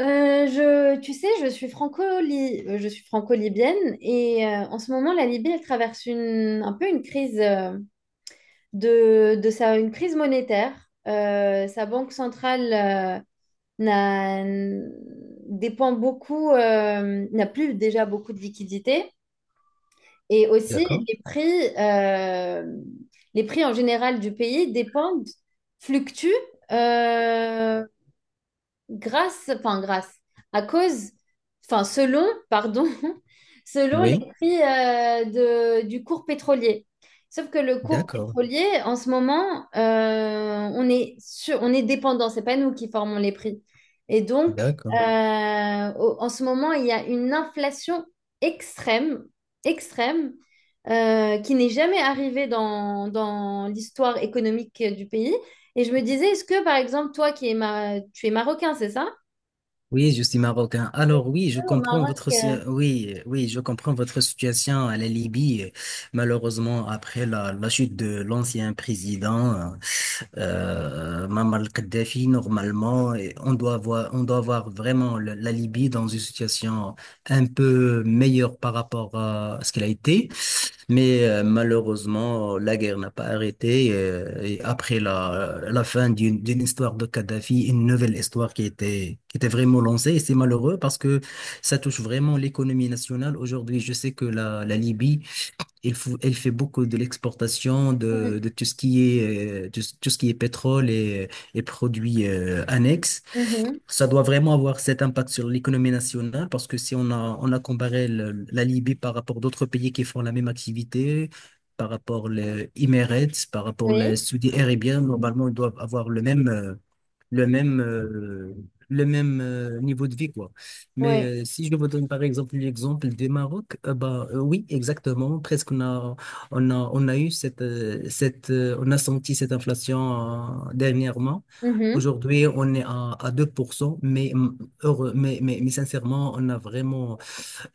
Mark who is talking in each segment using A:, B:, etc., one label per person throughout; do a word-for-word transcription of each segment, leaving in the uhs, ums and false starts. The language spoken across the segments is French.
A: Euh, je, tu sais, je suis franco je suis franco-libyenne et euh, en ce moment, la Libye, elle traverse une, un peu une crise euh, de, de sa, une crise monétaire. Euh, sa banque centrale euh, n'a- dépend beaucoup, euh, n'a plus déjà beaucoup de liquidités et aussi
B: D'accord.
A: les prix, euh, les prix en général du pays dépendent, fluctuent. euh, grâce, enfin grâce, à cause, enfin selon, pardon, selon les
B: Oui,
A: prix euh, de- du cours pétrolier. Sauf que le cours
B: d'accord.
A: pétrolier, en ce moment, euh, on est sur, on est dépendant, c'est pas nous qui formons les prix. Et donc, euh,
B: D'accord.
A: au- en ce moment, il y a une inflation extrême, extrême, euh, qui n'est jamais arrivée dans, dans l'histoire économique du pays. Et je me disais, est-ce que, par exemple, toi qui es, ma... tu es marocain, c'est ça?
B: Oui, je suis marocain. Alors oui, je
A: Au
B: comprends
A: Maroc.
B: votre si-
A: euh,
B: oui, euh, oui, je comprends votre situation à la Libye. Malheureusement, après la, la chute de l'ancien président euh, Muammar Kadhafi, normalement, et on doit voir on doit voir vraiment le- la Libye dans une situation un peu meilleure par rapport à ce qu'elle a été. Mais euh, malheureusement, la guerre n'a pas arrêté. euh, Et, après la, euh, la fin d'une d'une histoire de Kadhafi, une nouvelle histoire qui était, qui était vraiment lancée. Et c'est malheureux parce que ça touche vraiment l'économie nationale. Aujourd'hui, je sais que la, la Libye il faut, elle fait beaucoup de l'exportation
A: mm,
B: de, de tout ce qui est, euh, tout, ce tout ce qui est pétrole et, et produits euh, annexes.
A: mhm,
B: Ça doit vraiment avoir cet impact sur l'économie nationale parce que si on a, on a comparé le- la Libye par rapport d'autres pays qui font la même activité, par rapport les Emirates, par rapport les
A: oui,
B: Saudi Arabien, normalement, ils doivent avoir le même, euh, le même, euh, le même euh, niveau de vie, quoi. Mais
A: oui,
B: euh, si je vous donne par exemple l'exemple du Maroc, euh, bah, euh, oui, exactement. Presque on a, on a, on a eu cette, euh, cette, euh, on a senti cette inflation euh, dernièrement.
A: mhm,
B: Aujourd'hui, on est à, à deux pour cent mais, mm, heureux, mais, mais, mais sincèrement, on a vraiment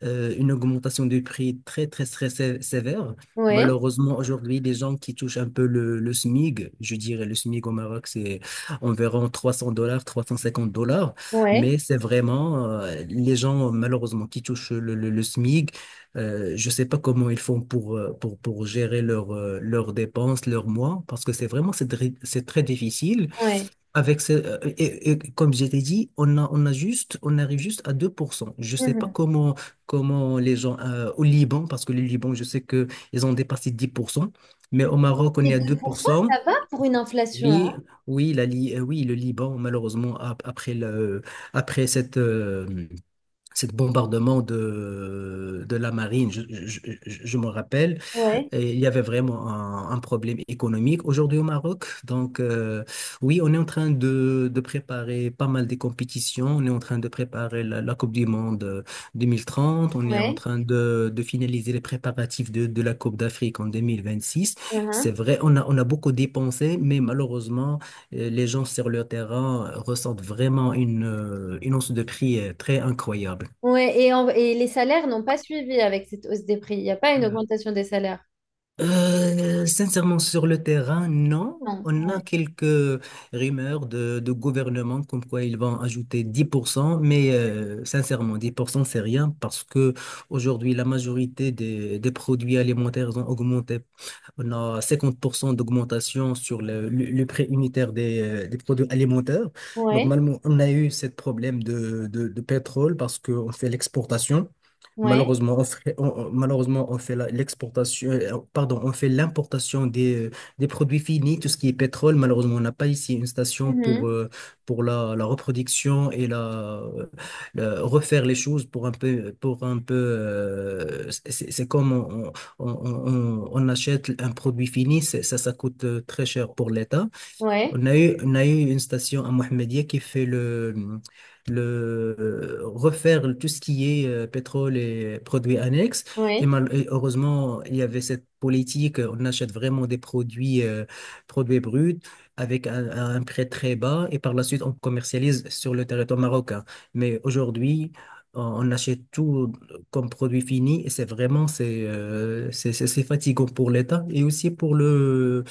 B: euh, une augmentation du prix très, très, très sé- sévère.
A: oui,
B: Malheureusement, aujourd'hui, les gens qui touchent un peu le, le SMIG, je dirais le SMIG au Maroc, c'est environ trois cents dollars, trois cent cinquante dollars,
A: oui,
B: mais c'est vraiment euh, les gens, malheureusement, qui touchent le, le, le SMIG, euh, je ne sais pas comment ils font pour, euh, pour, pour gérer leurs euh, leurs dépenses, leurs mois, parce que c'est vraiment, c'est très, c'est très difficile.
A: oui.
B: Avec ce, euh, et, et comme je t'ai dit, on a, on a juste, on arrive juste à deux pour cent. Je sais pas
A: Mhm.
B: comment, comment les gens euh, au Liban, parce que le Liban, je sais que ils ont dépassé dix pour cent mais au Maroc, on
A: Mais
B: est à deux pour
A: deux pour cent,
B: cent
A: ça va pour une inflation, hein?
B: Oui, oui, la, Li- euh, oui, le Liban, malheureusement, ap- après le, après cette, euh, cette bombardement de, de la marine, je, je, je, je me rappelle,
A: Ouais,
B: et il y avait vraiment un, un problème économique aujourd'hui au Maroc. Donc, euh, oui, on est en train de, de préparer pas mal des compétitions. On est en train de préparer la, la Coupe du Monde euh, vingt trente. On est en
A: ouais,
B: train de, de finaliser les préparatifs de, de la Coupe d'Afrique en deux mille vingt-six. C'est
A: mhm.
B: vrai, on a, on a beaucoup dépensé, mais malheureusement, euh, les gens sur le terrain ressentent vraiment une, euh, une hausse de prix euh, très incroyable.
A: Ouais, et, en- et les salaires n'ont pas suivi avec cette hausse des prix. Il n'y a pas une augmentation des salaires.
B: Euh, sincèrement, sur le terrain, non.
A: Non,
B: On a
A: ouais,
B: quelques rumeurs de, de gouvernement comme quoi ils vont ajouter dix pour cent. Mais euh, sincèrement, dix pour cent c'est rien parce que aujourd'hui, la majorité des, des produits alimentaires ont augmenté. On a cinquante pour cent d'augmentation sur le, le- le prix unitaire des, euh, des produits alimentaires.
A: ouais,
B: Normalement, on a eu ce problème de, de, de pétrole parce qu'on fait l'exportation.
A: ouais,
B: Malheureusement, on fait, on- on- malheureusement, on fait la- l'exportation, euh, pardon, on fait l'importation des, euh, des produits finis, tout ce qui est pétrole. Malheureusement, on n'a pas ici une station pour,
A: mhm,
B: euh, pour la, la reproduction et la, euh, la- refaire les choses pour un peu, pour un peu, euh, c'est c'est- c'est comme on, on, on, on- on achète un produit fini, c'est- ça, ça coûte euh, très cher pour l'État.
A: ouais,
B: On a eu, on a eu une station à Mohammedia qui fait le, le euh, refaire tout ce qui est euh, pétrole et produits annexes. Et,
A: ouais.
B: mal- et heureusement, il y avait cette politique, on achète vraiment des produits, euh, produits bruts avec un, un prix très bas et par la suite, on commercialise sur le territoire marocain. Mais aujourd'hui, on on achète tout comme produit fini et c'est vraiment c'est euh, c'est c'est- c'est fatigant pour l'État et aussi pour le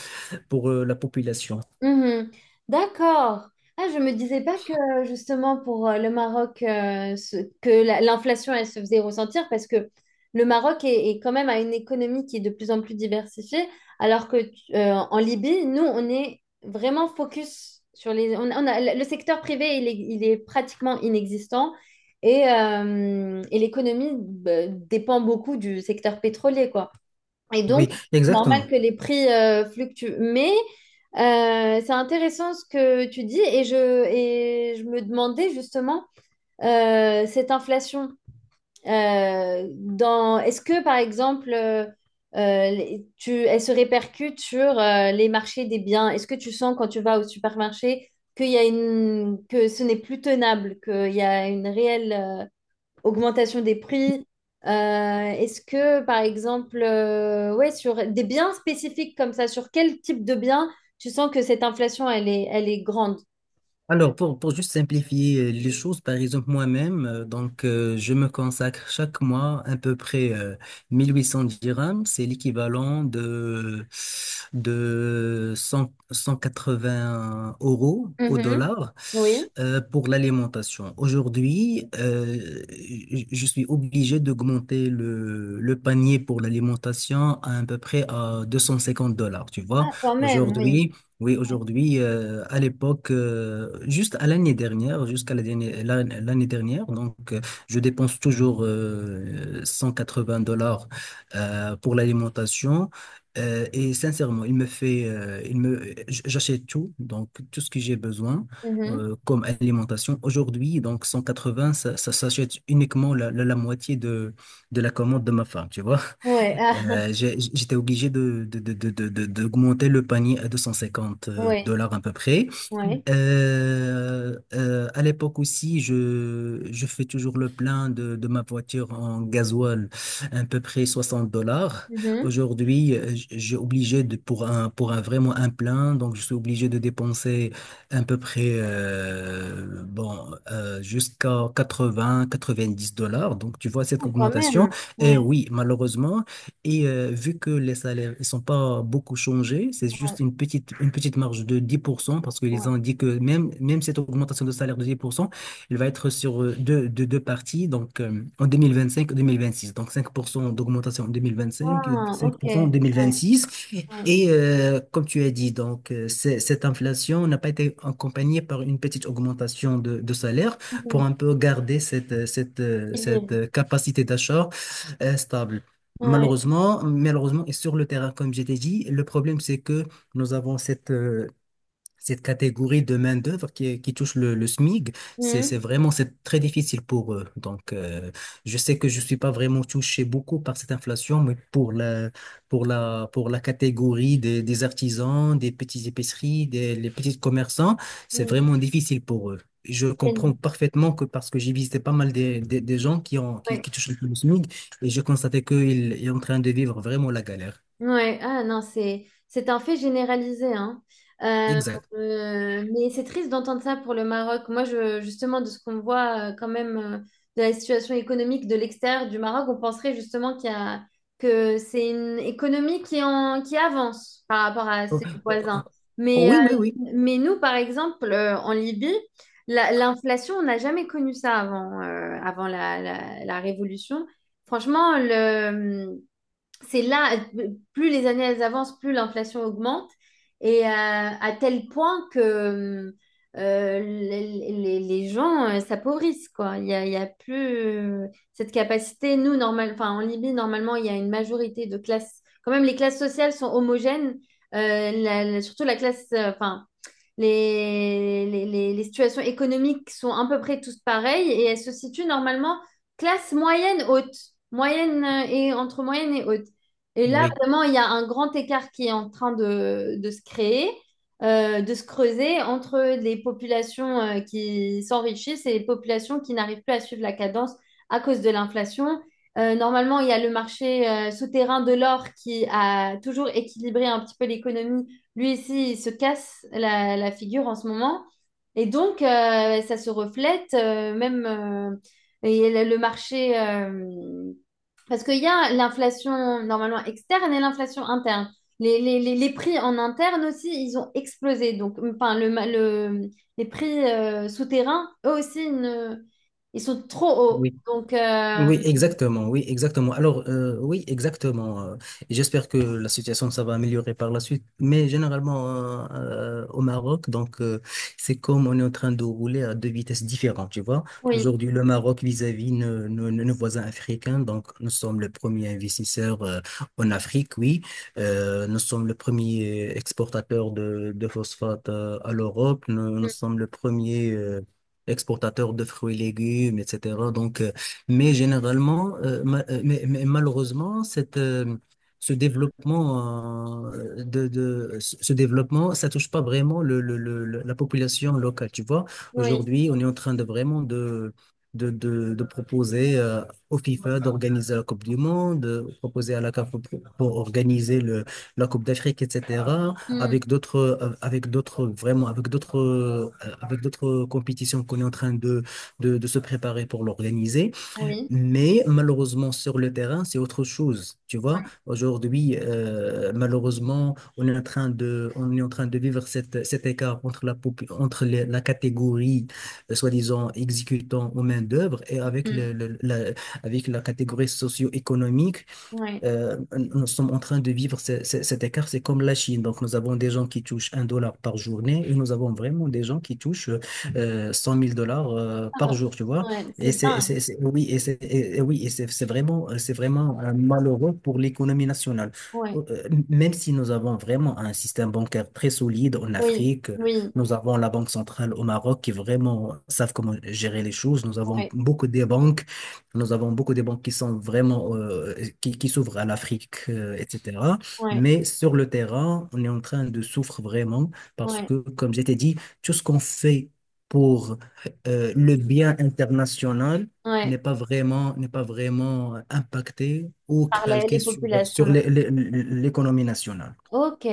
B: pour euh, la population.
A: Mhm. D'accord. Ah, je me disais pas que justement pour euh, le Maroc, euh, ce- que la- l'inflation, elle se faisait ressentir parce que le Maroc est, est quand même à une économie qui est de plus en plus diversifiée, alors que tu- euh, en Libye, nous, on est vraiment focus sur les... On, on a, le secteur privé, il est, il est pratiquement inexistant et, euh, et l'économie bah, dépend beaucoup du secteur pétrolier, quoi. Et donc,
B: Oui,
A: c'est normal
B: exactement.
A: que les prix euh, fluctuent. Mais euh, c'est intéressant ce que tu dis et je, et je me demandais justement euh, cette inflation. Euh, dans, est-ce que, par exemple, euh, euh, les- tu, elle se répercute sur euh, les marchés des biens? Est-ce que tu sens quand tu vas au supermarché qu'il y a une, que ce n'est plus tenable, qu'il y a une réelle... euh, augmentation des prix. Euh, est-ce que, par exemple, euh, ouais, sur des biens spécifiques comme ça, sur quel type de biens tu sens que cette inflation, elle est, elle est grande?
B: Alors, pour, pour juste simplifier euh, les choses, par exemple, moi-même, euh, donc, euh, je me consacre chaque mois à peu près euh, mille huit cents dirhams. C'est l'équivalent de, de cent cent quatre-vingts euros au
A: Mhm.
B: dollar
A: Oui.
B: euh, pour l'alimentation. Aujourd'hui, euh, je je suis obligé d'augmenter le, le panier pour l'alimentation à, à peu près à deux cent cinquante dollars, tu vois.
A: Ah, quand même, oui.
B: Aujourd'hui, Oui,
A: Ouais.
B: aujourd'hui, euh, à l'époque, euh, juste à l'année dernière, jusqu'à la dernière- la- l'année dernière, donc euh, je dépense toujours euh, cent quatre-vingts dollars euh, pour l'alimentation. Euh, et sincèrement, il me fait, euh, il me, j- j'achète tout, donc tout ce que j'ai besoin
A: Mhm.
B: euh, comme alimentation. Aujourd'hui, donc cent quatre-vingts, ça, ça s'achète uniquement la, la, la moitié de, de la commande de ma femme, tu vois.
A: Ouais. Ah,
B: Euh, j'ai- j'étais obligé de, de, de, de, de- de- d'augmenter le panier à 250
A: ouais.
B: dollars à peu près.
A: Ouais.
B: Euh, euh, à l'époque aussi, je, je fais toujours le plein de, de ma voiture en gasoil, à peu près soixante dollars.
A: Mhm.
B: Aujourd'hui, euh, j- j'ai obligé de, pour un, pour un vraiment un plein, donc je suis obligé de dépenser à peu près, euh, bon, euh, jusqu'à quatre-vingts, quatre-vingt-dix dollars. Donc tu vois cette
A: Ah, quand
B: augmentation.
A: même. Ouais.
B: Et oui, malheureusement, et euh, vu que les salaires ne sont pas beaucoup changés, c'est
A: Ouais.
B: juste une petite, une petite marge de dix pour cent parce qu'ils
A: Ouais.
B: ont dit que même, même cette augmentation de salaire de dix pour cent, elle va être sur euh, deux, deux, deux parties, donc euh, en deux mille vingt-cinq et deux mille vingt-six. Donc cinq pour cent d'augmentation en deux mille vingt-cinq et
A: Ah,
B: cinq
A: ok.
B: pour cent en
A: Ouais.
B: deux mille vingt-six.
A: Ouais.
B: Et euh, comme tu as dit, donc euh, c'est- cette inflation n'a pas été accompagnée par une petite augmentation de, de salaire pour
A: Mhm.
B: un peu garder cette, euh, cette, euh, cette
A: Équilibre.
B: euh, capacité d'achat euh, stable.
A: Ouais.
B: Malheureusement, malheureusement, et sur le terrain, comme je t'ai dit, le problème, c'est que nous avons cette, euh, cette catégorie de main-d'œuvre qui, qui touche le, le SMIG, c'est, c'est
A: Mhm.
B: vraiment, c'est très difficile pour eux. Donc, euh, je sais que je suis pas vraiment touché beaucoup par cette inflation, mais pour la, pour la, pour la catégorie des, des artisans, des petites épiceries, des, les petits commerçants, c'est vraiment difficile pour eux. Je comprends
A: Mhm.
B: parfaitement que parce que j'ai visité pas mal des, des, des gens qui ont, qui,
A: Ouais.
B: qui touchent le SMIG et j'ai constaté qu'ils sont en train de vivre vraiment la galère.
A: Ouais, ah non, c'est c'est un fait généralisé, hein. Euh,
B: Exact.
A: euh, mais c'est triste d'entendre ça pour le Maroc. Moi, je, justement, de ce qu'on voit euh, quand même euh, de la situation économique de l'extérieur du Maroc, on penserait justement qu'il y a, que c'est une économie qui, en, qui avance par rapport à
B: Oh,
A: ses
B: oh,
A: voisins. Mais, euh,
B: oui, oui, oui.
A: mais nous, par exemple, euh, en Libye, la- l'inflation, on n'a jamais connu ça avant, euh, avant la, la, la révolution. Franchement, le c'est là, plus les années elles avancent, plus l'inflation augmente, et euh, à tel point que euh, les, les- les gens euh, s'appauvrissent, quoi. Il y a, il y a plus euh, cette capacité. Nous, normal, enfin, en Libye, normalement, il y a une majorité de classes. Quand même, les classes sociales sont homogènes. Euh, la- la- surtout la classe, euh, enfin, les, les, les- les situations économiques sont à peu près toutes pareilles et elles se situent normalement classe moyenne haute, moyenne euh, et entre moyenne et haute. Et là,
B: Oui.
A: vraiment, il y a un grand écart qui est en train de, de se créer, euh, de se creuser entre les populations euh, qui s'enrichissent et les populations qui n'arrivent plus à suivre la cadence à cause de l'inflation. Euh, normalement, il y a le marché euh, souterrain de l'or qui a toujours équilibré un petit peu l'économie lui ici, il se casse la, la figure en ce moment. Et donc, euh, ça se reflète euh, même euh, et le le marché. Euh, parce qu'il y a l'inflation normalement externe et l'inflation interne. Les, les, les, les prix en interne aussi, ils ont explosé. Donc, enfin, le, ma- le- les prix euh, souterrains, eux aussi, ils ne- ils sont trop hauts.
B: Oui.
A: Donc, euh,
B: Oui, exactement, oui, exactement. Alors, euh, oui, exactement. euh, et j'espère que la situation, ça va améliorer par la suite. Mais généralement, euh, euh, au Maroc, donc, euh, c'est comme on est en train de rouler à deux vitesses différentes, tu vois.
A: oui,
B: Aujourd'hui, le Maroc vis-à-vis nos, nos- nos voisins africains, donc, nous sommes le premier investisseur euh, en Afrique, oui. Euh, nous sommes le premier exportateur de, de phosphate euh, à l'Europe. Nous, nous
A: mm,
B: sommes le premier... euh, exportateur de fruits et légumes, et cetera. Donc, euh, mais généralement, euh, ma- euh, mais, mais malheureusement, cette, euh, ce développement, euh, de, de- ce ce développement, ça touche pas vraiment le, le- le- le- la population locale. Tu vois,
A: oui,
B: aujourd'hui, on est en train de vraiment de, de, de, de proposer euh, au FIFA d'organiser la Coupe du Monde, de proposer à la CAF pour, pour organiser le, la Coupe d'Afrique, et cetera.
A: mm,
B: Avec d'autres, euh, avec d'autres, vraiment, avec d'autres, euh, avec d'autres compétitions qu'on est en train de, de, de se préparer pour l'organiser.
A: oui,
B: Mais malheureusement, sur le terrain, c'est autre chose. Tu vois,
A: oui,
B: aujourd'hui, euh, malheureusement, on est en train de, on est en train de vivre cette, cet écart entre la, popu- entre les- la catégorie, euh, soi-disant, exécutant aux main-d'œuvre et avec,
A: mm,
B: le, le- la, avec la catégorie socio-économique
A: oui.
B: euh, nous sommes en train de vivre ce- ce- cet écart, c'est comme la Chine. Donc, nous avons des gens qui touchent un dollar par journée et nous avons vraiment des gens qui touchent euh, cent mille dollars euh, par
A: Ah,
B: jour, tu vois.
A: ouais,
B: Et
A: c'est
B: c'est, et
A: dingue.
B: c'est- c'est- oui, et c'est, et- et oui, et c'est c'est vraiment, c'est vraiment euh, malheureux pour l'économie nationale.
A: Ouais.
B: Euh, Même si nous avons vraiment un système bancaire très solide en
A: Oui,
B: Afrique,
A: oui,
B: nous avons la Banque centrale au Maroc qui vraiment savent comment gérer les choses. Nous avons
A: ouais,
B: beaucoup de banques nous avons beaucoup de banques qui sont vraiment euh, qui, qui s'ouvrent à l'Afrique, euh, et cetera.
A: ouais,
B: Mais sur le terrain, on est en train de souffrir vraiment parce
A: ouais,
B: que, comme je t'ai dit, tout ce qu'on fait pour euh, le bien international n'est
A: ouais,
B: pas vraiment n'est pas vraiment impacté ou
A: par la-
B: calqué
A: les
B: sur
A: populations.
B: sur
A: Là.
B: l'é- l'é- l'économie nationale.
A: Ok.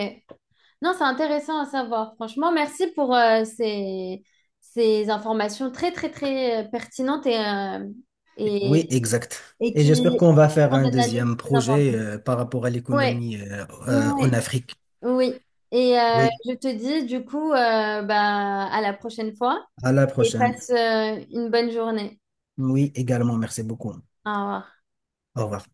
A: Non, c'est intéressant à savoir. Franchement, merci pour euh, ces, ces informations très, très, très euh, pertinentes et, euh, et,
B: Oui, exact.
A: et
B: Et
A: qui
B: j'espère qu'on va faire
A: rendent
B: un
A: l'analyse
B: deuxième
A: très
B: projet
A: importante.
B: euh, par rapport à
A: Ouais,
B: l'économie euh, euh, en
A: ouais,
B: Afrique.
A: oui. Et euh,
B: Oui,
A: je te dis, du coup, euh, bah, à la prochaine fois
B: à la
A: et
B: prochaine.
A: passe euh, une bonne journée.
B: Oui, également, merci beaucoup.
A: Au revoir.
B: Au revoir.